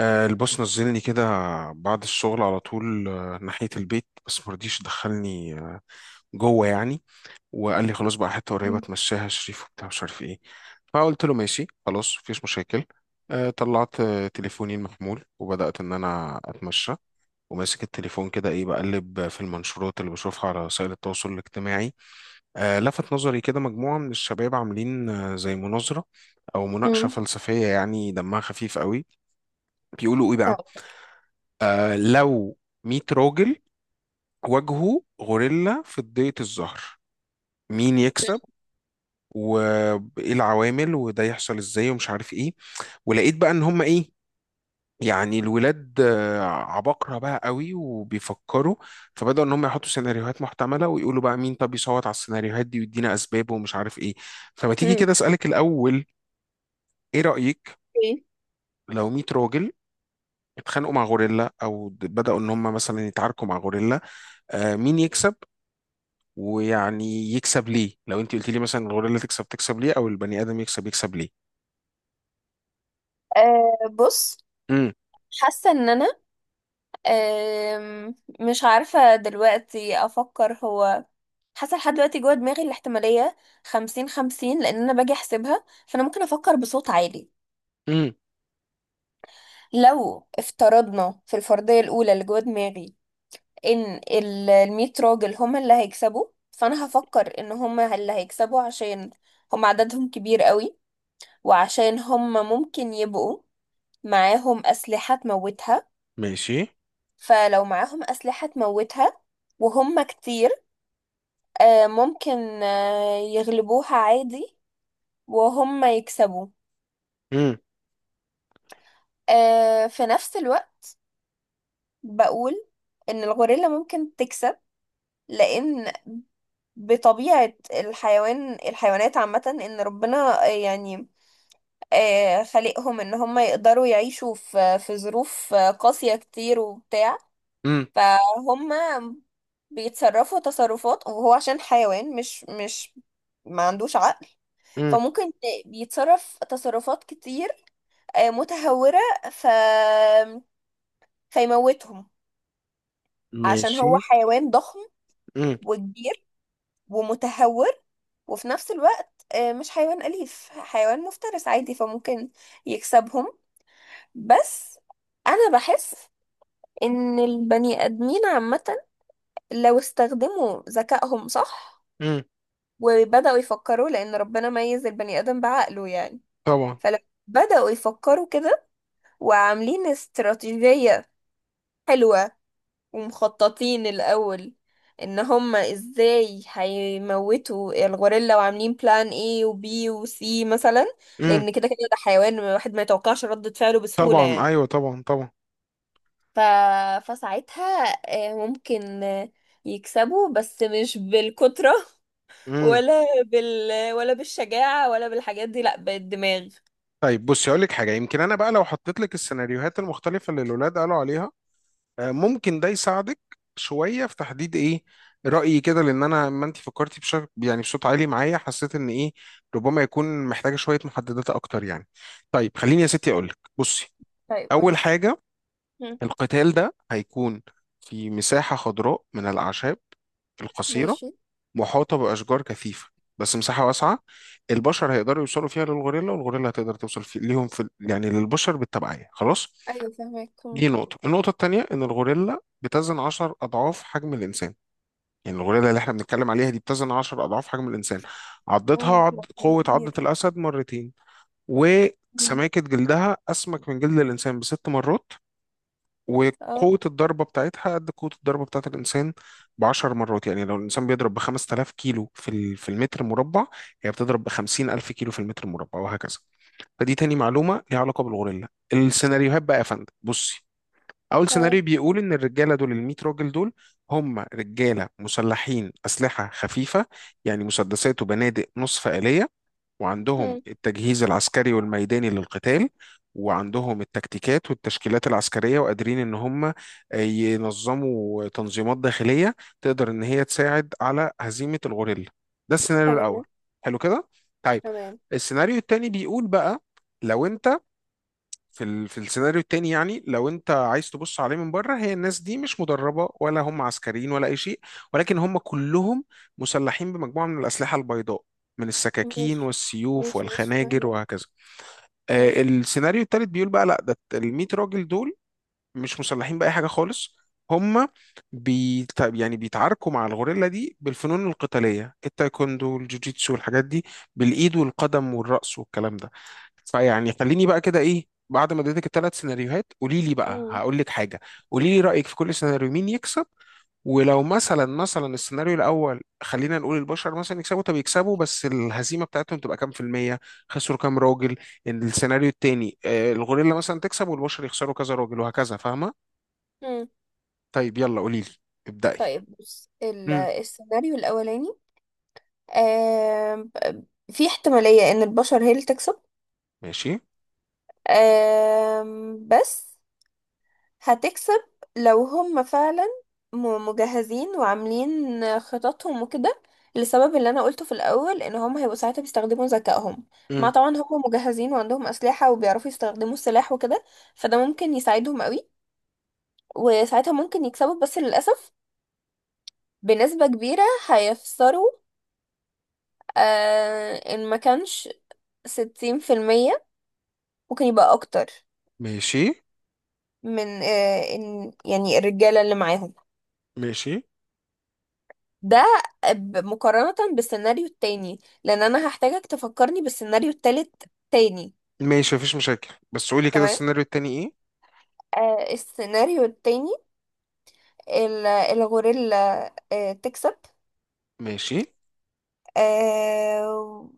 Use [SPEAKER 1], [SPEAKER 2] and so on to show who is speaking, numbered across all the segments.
[SPEAKER 1] البوس نزلني كده بعد الشغل على طول، ناحية البيت. بس مرضيش دخلني جوه يعني. وقال لي خلاص بقى حتة قريبة
[SPEAKER 2] مم.
[SPEAKER 1] تمشيها شريف وبتاع مش عارف ايه. فقلت له ماشي، خلاص مفيش مشاكل. طلعت تليفوني المحمول وبدأت إن أنا أتمشى، وماسك التليفون كده إيه، بقلب في المنشورات اللي بشوفها على وسائل التواصل الاجتماعي. لفت نظري كده مجموعة من الشباب عاملين زي مناظرة أو مناقشة
[SPEAKER 2] مم.
[SPEAKER 1] فلسفية، يعني دمها خفيف قوي. بيقولوا إيه بقى؟
[SPEAKER 2] طب.
[SPEAKER 1] آه، لو 100 راجل واجهوا غوريلا في ضيقة الظهر، مين يكسب؟ وايه العوامل، وده يحصل ازاي، ومش عارف ايه. ولقيت بقى ان هم ايه، يعني الولاد عباقرة بقى قوي وبيفكروا. فبدأوا ان هم يحطوا سيناريوهات محتملة ويقولوا بقى مين طب يصوت على السيناريوهات دي ويدينا اسبابه ومش عارف ايه. فما تيجي
[SPEAKER 2] مم.
[SPEAKER 1] كده اسألك الاول، ايه رأيك؟
[SPEAKER 2] اوكي.
[SPEAKER 1] لو 100 راجل اتخانقوا مع غوريلا او بدأوا ان هم مثلا يتعاركوا مع غوريلا، مين يكسب؟ ويعني يكسب ليه؟ لو انت قلت لي مثلا الغوريلا تكسب، تكسب ليه؟ او البني ادم يكسب، يكسب ليه؟
[SPEAKER 2] بص،
[SPEAKER 1] امم.
[SPEAKER 2] حاسة ان انا، أم، مش عارفة دلوقتي افكر. هو حاسة لحد دلوقتي جوه دماغي الاحتمالية 50-50، لان انا باجي احسبها، فانا ممكن افكر بصوت عالي.
[SPEAKER 1] امم.
[SPEAKER 2] لو افترضنا في الفرضية الاولى اللي جوه دماغي ان 100 راجل هم اللي هيكسبوا، فانا هفكر ان هم اللي هيكسبوا عشان هم عددهم كبير قوي، وعشان هم ممكن يبقوا معاهم اسلحة تموتها.
[SPEAKER 1] ماشي.
[SPEAKER 2] فلو معاهم أسلحة تموتها وهم كتير، ممكن يغلبوها عادي وهم يكسبوا.
[SPEAKER 1] امم.
[SPEAKER 2] في نفس الوقت بقول إن الغوريلا ممكن تكسب، لأن بطبيعة الحيوان الحيوانات عامة، إن ربنا يعني خلقهم إن هم يقدروا يعيشوا في ظروف قاسية كتير وبتاع.
[SPEAKER 1] امم.
[SPEAKER 2] فهم بيتصرفوا تصرفات، وهو عشان حيوان مش ما عندوش عقل،
[SPEAKER 1] امم.
[SPEAKER 2] فممكن بيتصرف تصرفات كتير متهورة، ف فيموتهم. عشان
[SPEAKER 1] ماشي.
[SPEAKER 2] هو حيوان ضخم
[SPEAKER 1] امم.
[SPEAKER 2] وكبير ومتهور، وفي نفس الوقت مش حيوان أليف، حيوان مفترس عادي، فممكن يكسبهم. بس أنا بحس إن البني آدمين عامة لو استخدموا ذكائهم صح
[SPEAKER 1] امم.
[SPEAKER 2] وبدأوا يفكروا، لأن ربنا ميز البني آدم بعقله يعني.
[SPEAKER 1] طبعا.
[SPEAKER 2] فلما بدأوا يفكروا كده، وعاملين استراتيجية حلوة، ومخططين الأول إن هما إزاي هيموتوا الغوريلا، وعاملين بلان A و B و C مثلا،
[SPEAKER 1] امم.
[SPEAKER 2] لأن كده كده ده حيوان الواحد ما يتوقعش ردة فعله بسهولة
[SPEAKER 1] طبعا،
[SPEAKER 2] يعني.
[SPEAKER 1] ايوه طبعا طبعا.
[SPEAKER 2] ف... فساعتها ممكن يكسبوا، بس مش بالكترة
[SPEAKER 1] امم.
[SPEAKER 2] ولا بال ولا بالشجاعة ولا بالحاجات دي، لأ بالدماغ.
[SPEAKER 1] طيب بصي، اقول لك حاجه. يمكن انا بقى لو حطيت لك السيناريوهات المختلفه اللي الاولاد قالوا عليها، ممكن ده يساعدك شويه في تحديد ايه رايي كده. لان انا، ما انت فكرتي بشكل يعني بصوت عالي معايا، حسيت ان ايه، ربما يكون محتاجه شويه محددات اكتر يعني. طيب خليني يا ستي اقول لك، بصي.
[SPEAKER 2] طيب قولي.
[SPEAKER 1] اول حاجه،
[SPEAKER 2] هم.
[SPEAKER 1] القتال ده هيكون في مساحه خضراء من الاعشاب القصيره،
[SPEAKER 2] ماشي.
[SPEAKER 1] محاطه باشجار كثيفه، بس مساحه واسعه. البشر هيقدروا يوصلوا فيها للغوريلا، والغوريلا هتقدر توصل ليهم، يعني للبشر بالتبعيه، خلاص.
[SPEAKER 2] ايوه فهمك. هم.
[SPEAKER 1] دي نقطة. النقطة التانية، إن الغوريلا بتزن 10 أضعاف حجم الإنسان، يعني الغوريلا اللي إحنا بنتكلم عليها دي بتزن 10 أضعاف حجم الإنسان. عضتها
[SPEAKER 2] مم، لا، كان
[SPEAKER 1] قوة عضة
[SPEAKER 2] كبير.
[SPEAKER 1] الأسد مرتين.
[SPEAKER 2] مم.
[SPEAKER 1] وسماكة جلدها أسمك من جلد الإنسان ب6 مرات.
[SPEAKER 2] اه.
[SPEAKER 1] وقوة الضربة بتاعتها قد قوة الضربة بتاعت الإنسان ب10 مرات. يعني لو الإنسان بيضرب ب5000 كيلو في المتر مربع، هي بتضرب ب50,000 كيلو في المتر مربع، وهكذا. فدي تاني معلومة ليها علاقة بالغوريلا. السيناريوهات بقى يا فندم، بصي. اول
[SPEAKER 2] اه.
[SPEAKER 1] سيناريو بيقول ان الرجاله دول، ال 100 راجل دول، هم رجاله مسلحين اسلحه خفيفه، يعني مسدسات وبنادق نصف آلية، وعندهم
[SPEAKER 2] هم.
[SPEAKER 1] التجهيز العسكري والميداني للقتال، وعندهم التكتيكات والتشكيلات العسكريه، وقادرين ان هم ينظموا تنظيمات داخليه تقدر ان هي تساعد على هزيمه الغوريلا. ده السيناريو
[SPEAKER 2] تمام.
[SPEAKER 1] الاول. حلو كده، طيب.
[SPEAKER 2] تمام.
[SPEAKER 1] السيناريو التاني بيقول بقى، لو انت في السيناريو التاني، يعني لو انت عايز تبص عليه من بره، هي الناس دي مش مدربة ولا هم عسكريين ولا اي شيء، ولكن هم كلهم مسلحين بمجموعة من الأسلحة البيضاء، من السكاكين
[SPEAKER 2] ماشي.
[SPEAKER 1] والسيوف
[SPEAKER 2] ماشي، ماشي،
[SPEAKER 1] والخناجر
[SPEAKER 2] فاهمة.
[SPEAKER 1] وهكذا.
[SPEAKER 2] اه.
[SPEAKER 1] السيناريو التالت بيقول بقى لا، ده ال 100 راجل دول مش مسلحين بأي حاجة خالص. هم يعني بيتعاركوا مع الغوريلا دي بالفنون القتالية، التايكوندو والجوجيتسو والحاجات دي، بالإيد والقدم والرأس والكلام ده. فيعني خليني بقى كده إيه، بعد ما اديتك الثلاث سيناريوهات قولي لي بقى،
[SPEAKER 2] هم.
[SPEAKER 1] هقول لك حاجة. قولي لي رأيك في كل سيناريو، مين يكسب. ولو مثلا السيناريو الاول خلينا نقول البشر مثلا يكسبوا، طب يكسبوا، بس الهزيمه بتاعتهم تبقى كام في الميه؟ خسروا كام راجل؟ السيناريو التاني، الغوريلا مثلا تكسب والبشر يخسروا كذا راجل، وهكذا، فاهمة؟
[SPEAKER 2] هم.
[SPEAKER 1] طيب يلا قولي لي، ابدأي.
[SPEAKER 2] طيب بص،
[SPEAKER 1] مم.
[SPEAKER 2] السيناريو الأولاني، آم، في احتمالية إن البشر هي اللي تكسب،
[SPEAKER 1] ماشي.
[SPEAKER 2] بس هتكسب لو هم فعلا مجهزين وعاملين خططهم وكده، لسبب اللي انا قلته في الاول، ان هم هيبقوا ساعتها بيستخدموا ذكائهم، مع
[SPEAKER 1] مم.
[SPEAKER 2] طبعا هم مجهزين وعندهم اسلحة وبيعرفوا يستخدموا السلاح وكده، فده ممكن يساعدهم قوي. وساعتها ممكن يكسبوا، بس للاسف بنسبة كبيرة هيخسروا، ان ما كانش 60%، ممكن يبقى اكتر،
[SPEAKER 1] ماشي.
[SPEAKER 2] من ان يعني الرجالة اللي معاهم
[SPEAKER 1] ماشي
[SPEAKER 2] ده، مقارنة بالسيناريو التاني، لان انا هحتاجك تفكرني بالسيناريو التالت تاني.
[SPEAKER 1] ماشي مفيش مشاكل، بس قولي كده
[SPEAKER 2] تمام.
[SPEAKER 1] السيناريو التاني ايه؟
[SPEAKER 2] السيناريو التاني، الغوريلا تكسب،
[SPEAKER 1] ماشي
[SPEAKER 2] آه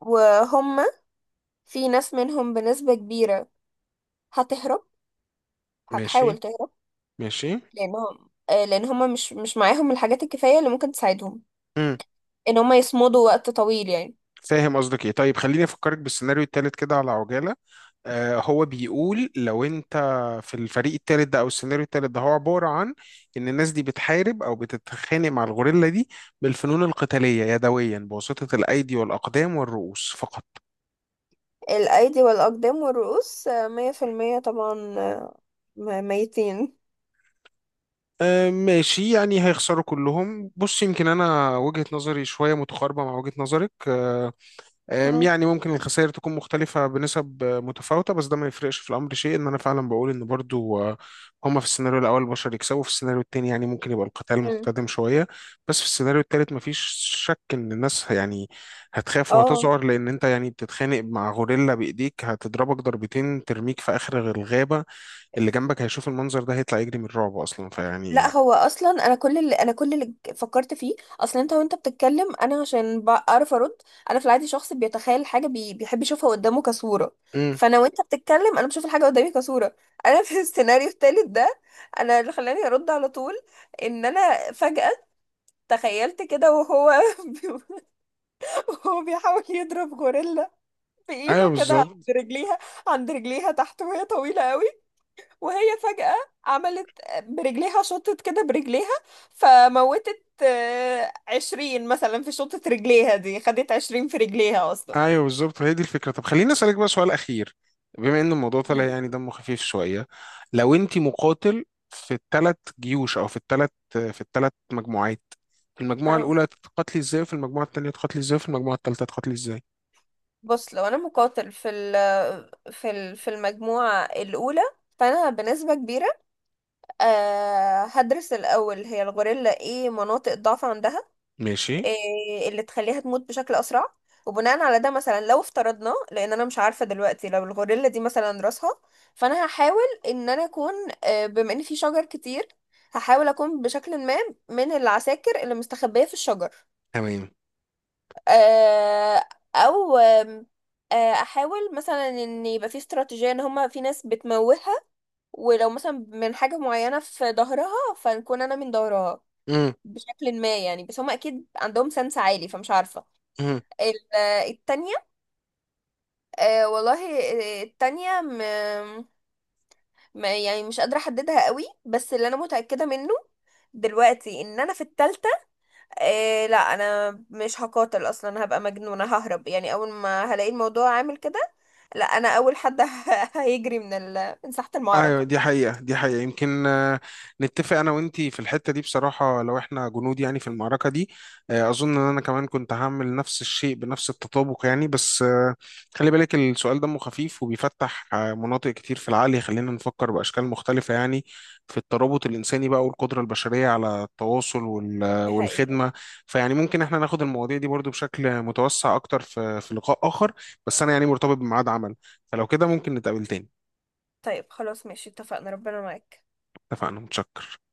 [SPEAKER 2] وهم في ناس منهم بنسبة كبيرة هتهرب،
[SPEAKER 1] ماشي
[SPEAKER 2] هتحاول تهرب،
[SPEAKER 1] ماشي.
[SPEAKER 2] لانهم، لان هم مش معاهم الحاجات الكفاية اللي ممكن تساعدهم
[SPEAKER 1] مم.
[SPEAKER 2] ان هم يصمدوا وقت طويل يعني.
[SPEAKER 1] فاهم قصدك ايه. طيب خليني افكرك بالسيناريو التالت كده على عجالة. هو بيقول لو انت في الفريق التالت ده او السيناريو التالت ده، هو عبارة عن ان الناس دي بتحارب او بتتخانق مع الغوريلا دي بالفنون القتالية يدويا، بواسطة الايدي والاقدام والرؤوس فقط.
[SPEAKER 2] الايدي والاقدام والرؤوس 100% طبعا، 200.
[SPEAKER 1] ماشي، يعني هيخسروا كلهم. بص، يمكن انا وجهة نظري شوية متقاربة مع وجهة نظرك. آه، يعني ممكن الخسائر تكون مختلفة بنسب متفاوتة، بس ده ما يفرقش في الأمر شيء. إن أنا فعلا بقول إن برضو، هما في السيناريو الأول البشر يكسبوا، في السيناريو التاني يعني ممكن يبقى القتال
[SPEAKER 2] مم.
[SPEAKER 1] محتدم شوية، بس في السيناريو التالت مفيش شك إن الناس يعني هتخاف
[SPEAKER 2] اه.
[SPEAKER 1] وهتذعر، لأن أنت يعني بتتخانق مع غوريلا بإيديك، هتضربك ضربتين ترميك في آخر الغابة. اللي جنبك هيشوف المنظر ده هيطلع يجري من الرعب أصلا،
[SPEAKER 2] لا
[SPEAKER 1] فيعني.
[SPEAKER 2] هو اصلا، انا كل اللي، فكرت فيه اصلا انت وانت بتتكلم، انا عشان بعرف ارد. انا في العادي شخص بيتخيل حاجه، بيحب يشوفها قدامه كصوره.
[SPEAKER 1] مم.
[SPEAKER 2] فانا وانت بتتكلم انا بشوف الحاجه قدامي كصوره. انا في السيناريو التالت ده، انا اللي خلاني ارد على طول، ان انا فجاه تخيلت كده، وهو وهو بيحاول يضرب غوريلا
[SPEAKER 1] أيوه
[SPEAKER 2] بايده كده عند
[SPEAKER 1] بالظبط.
[SPEAKER 2] رجليها، عند رجليها تحت، وهي طويله قوي، وهي فجأة عملت برجليها، شطت كده برجليها، فموتت 20 مثلا في شطة رجليها دي، خدت 20 في رجليها أصلا.
[SPEAKER 1] ايوه بالظبط، هي دي الفكره. طب خليني اسالك بقى سؤال اخير، بما ان الموضوع طلع
[SPEAKER 2] مم.
[SPEAKER 1] يعني دمه خفيف شويه. لو انت مقاتل في الثلاث جيوش، او في الثلاث مجموعات، في المجموعه
[SPEAKER 2] اه
[SPEAKER 1] الاولى تقاتلي ازاي، وفي المجموعه الثانيه تقاتلي ازاي، وفي المجموعه الثالثه تقاتلي ازاي؟
[SPEAKER 2] بص، لو انا مقاتل في المجموعة الأولى، فأنا بنسبة كبيرة هدرس الأول هي الغوريلا ايه مناطق ضعف عندها،
[SPEAKER 1] ماشي.
[SPEAKER 2] إيه اللي تخليها تموت بشكل اسرع. وبناء على ده مثلا، لو افترضنا، لان انا مش عارفه دلوقتي، لو الغوريلا دي مثلا راسها، فانا هحاول ان انا اكون، بما ان في شجر كتير، هحاول اكون بشكل ما من العساكر اللي مستخبيه في الشجر.
[SPEAKER 1] تمام.
[SPEAKER 2] آه، او احاول مثلا ان يبقى في استراتيجيه، ان هما في ناس بتموهها، ولو مثلا من حاجه معينه في ظهرها، فنكون انا من ظهرها
[SPEAKER 1] امم.
[SPEAKER 2] بشكل ما يعني، بس هما اكيد عندهم سنس عالي، فمش عارفه. ال- التانية، آه والله، التانية، يعني مش قادرة أحددها قوي. بس اللي أنا متأكدة منه دلوقتي إن أنا في التالتة، لا أنا مش هقاتل أصلا، هبقى مجنونة، ههرب يعني أول ما هلاقي الموضوع عامل كده. لا أنا أول حد هيجري من من ساحة
[SPEAKER 1] ايوه
[SPEAKER 2] المعركة.
[SPEAKER 1] دي حقيقة، دي حقيقة. يمكن نتفق انا وانتي في الحتة دي بصراحة، لو احنا جنود يعني في المعركة دي، اظن ان انا كمان كنت هعمل نفس الشيء بنفس التطابق يعني. بس خلي بالك، السؤال دمه خفيف، وبيفتح مناطق كتير في العقل، يخلينا نفكر باشكال مختلفة يعني، في الترابط الانساني بقى والقدرة البشرية على التواصل
[SPEAKER 2] دي حقيقة.
[SPEAKER 1] والخدمة. فيعني ممكن احنا ناخد المواضيع دي برضو بشكل متوسع اكتر في لقاء اخر. بس انا يعني مرتبط بميعاد عمل، فلو كده ممكن نتقابل تاني.
[SPEAKER 2] طيب خلاص، ماشي، اتفقنا. ربنا معاك.
[SPEAKER 1] اتفقنا، متشكر.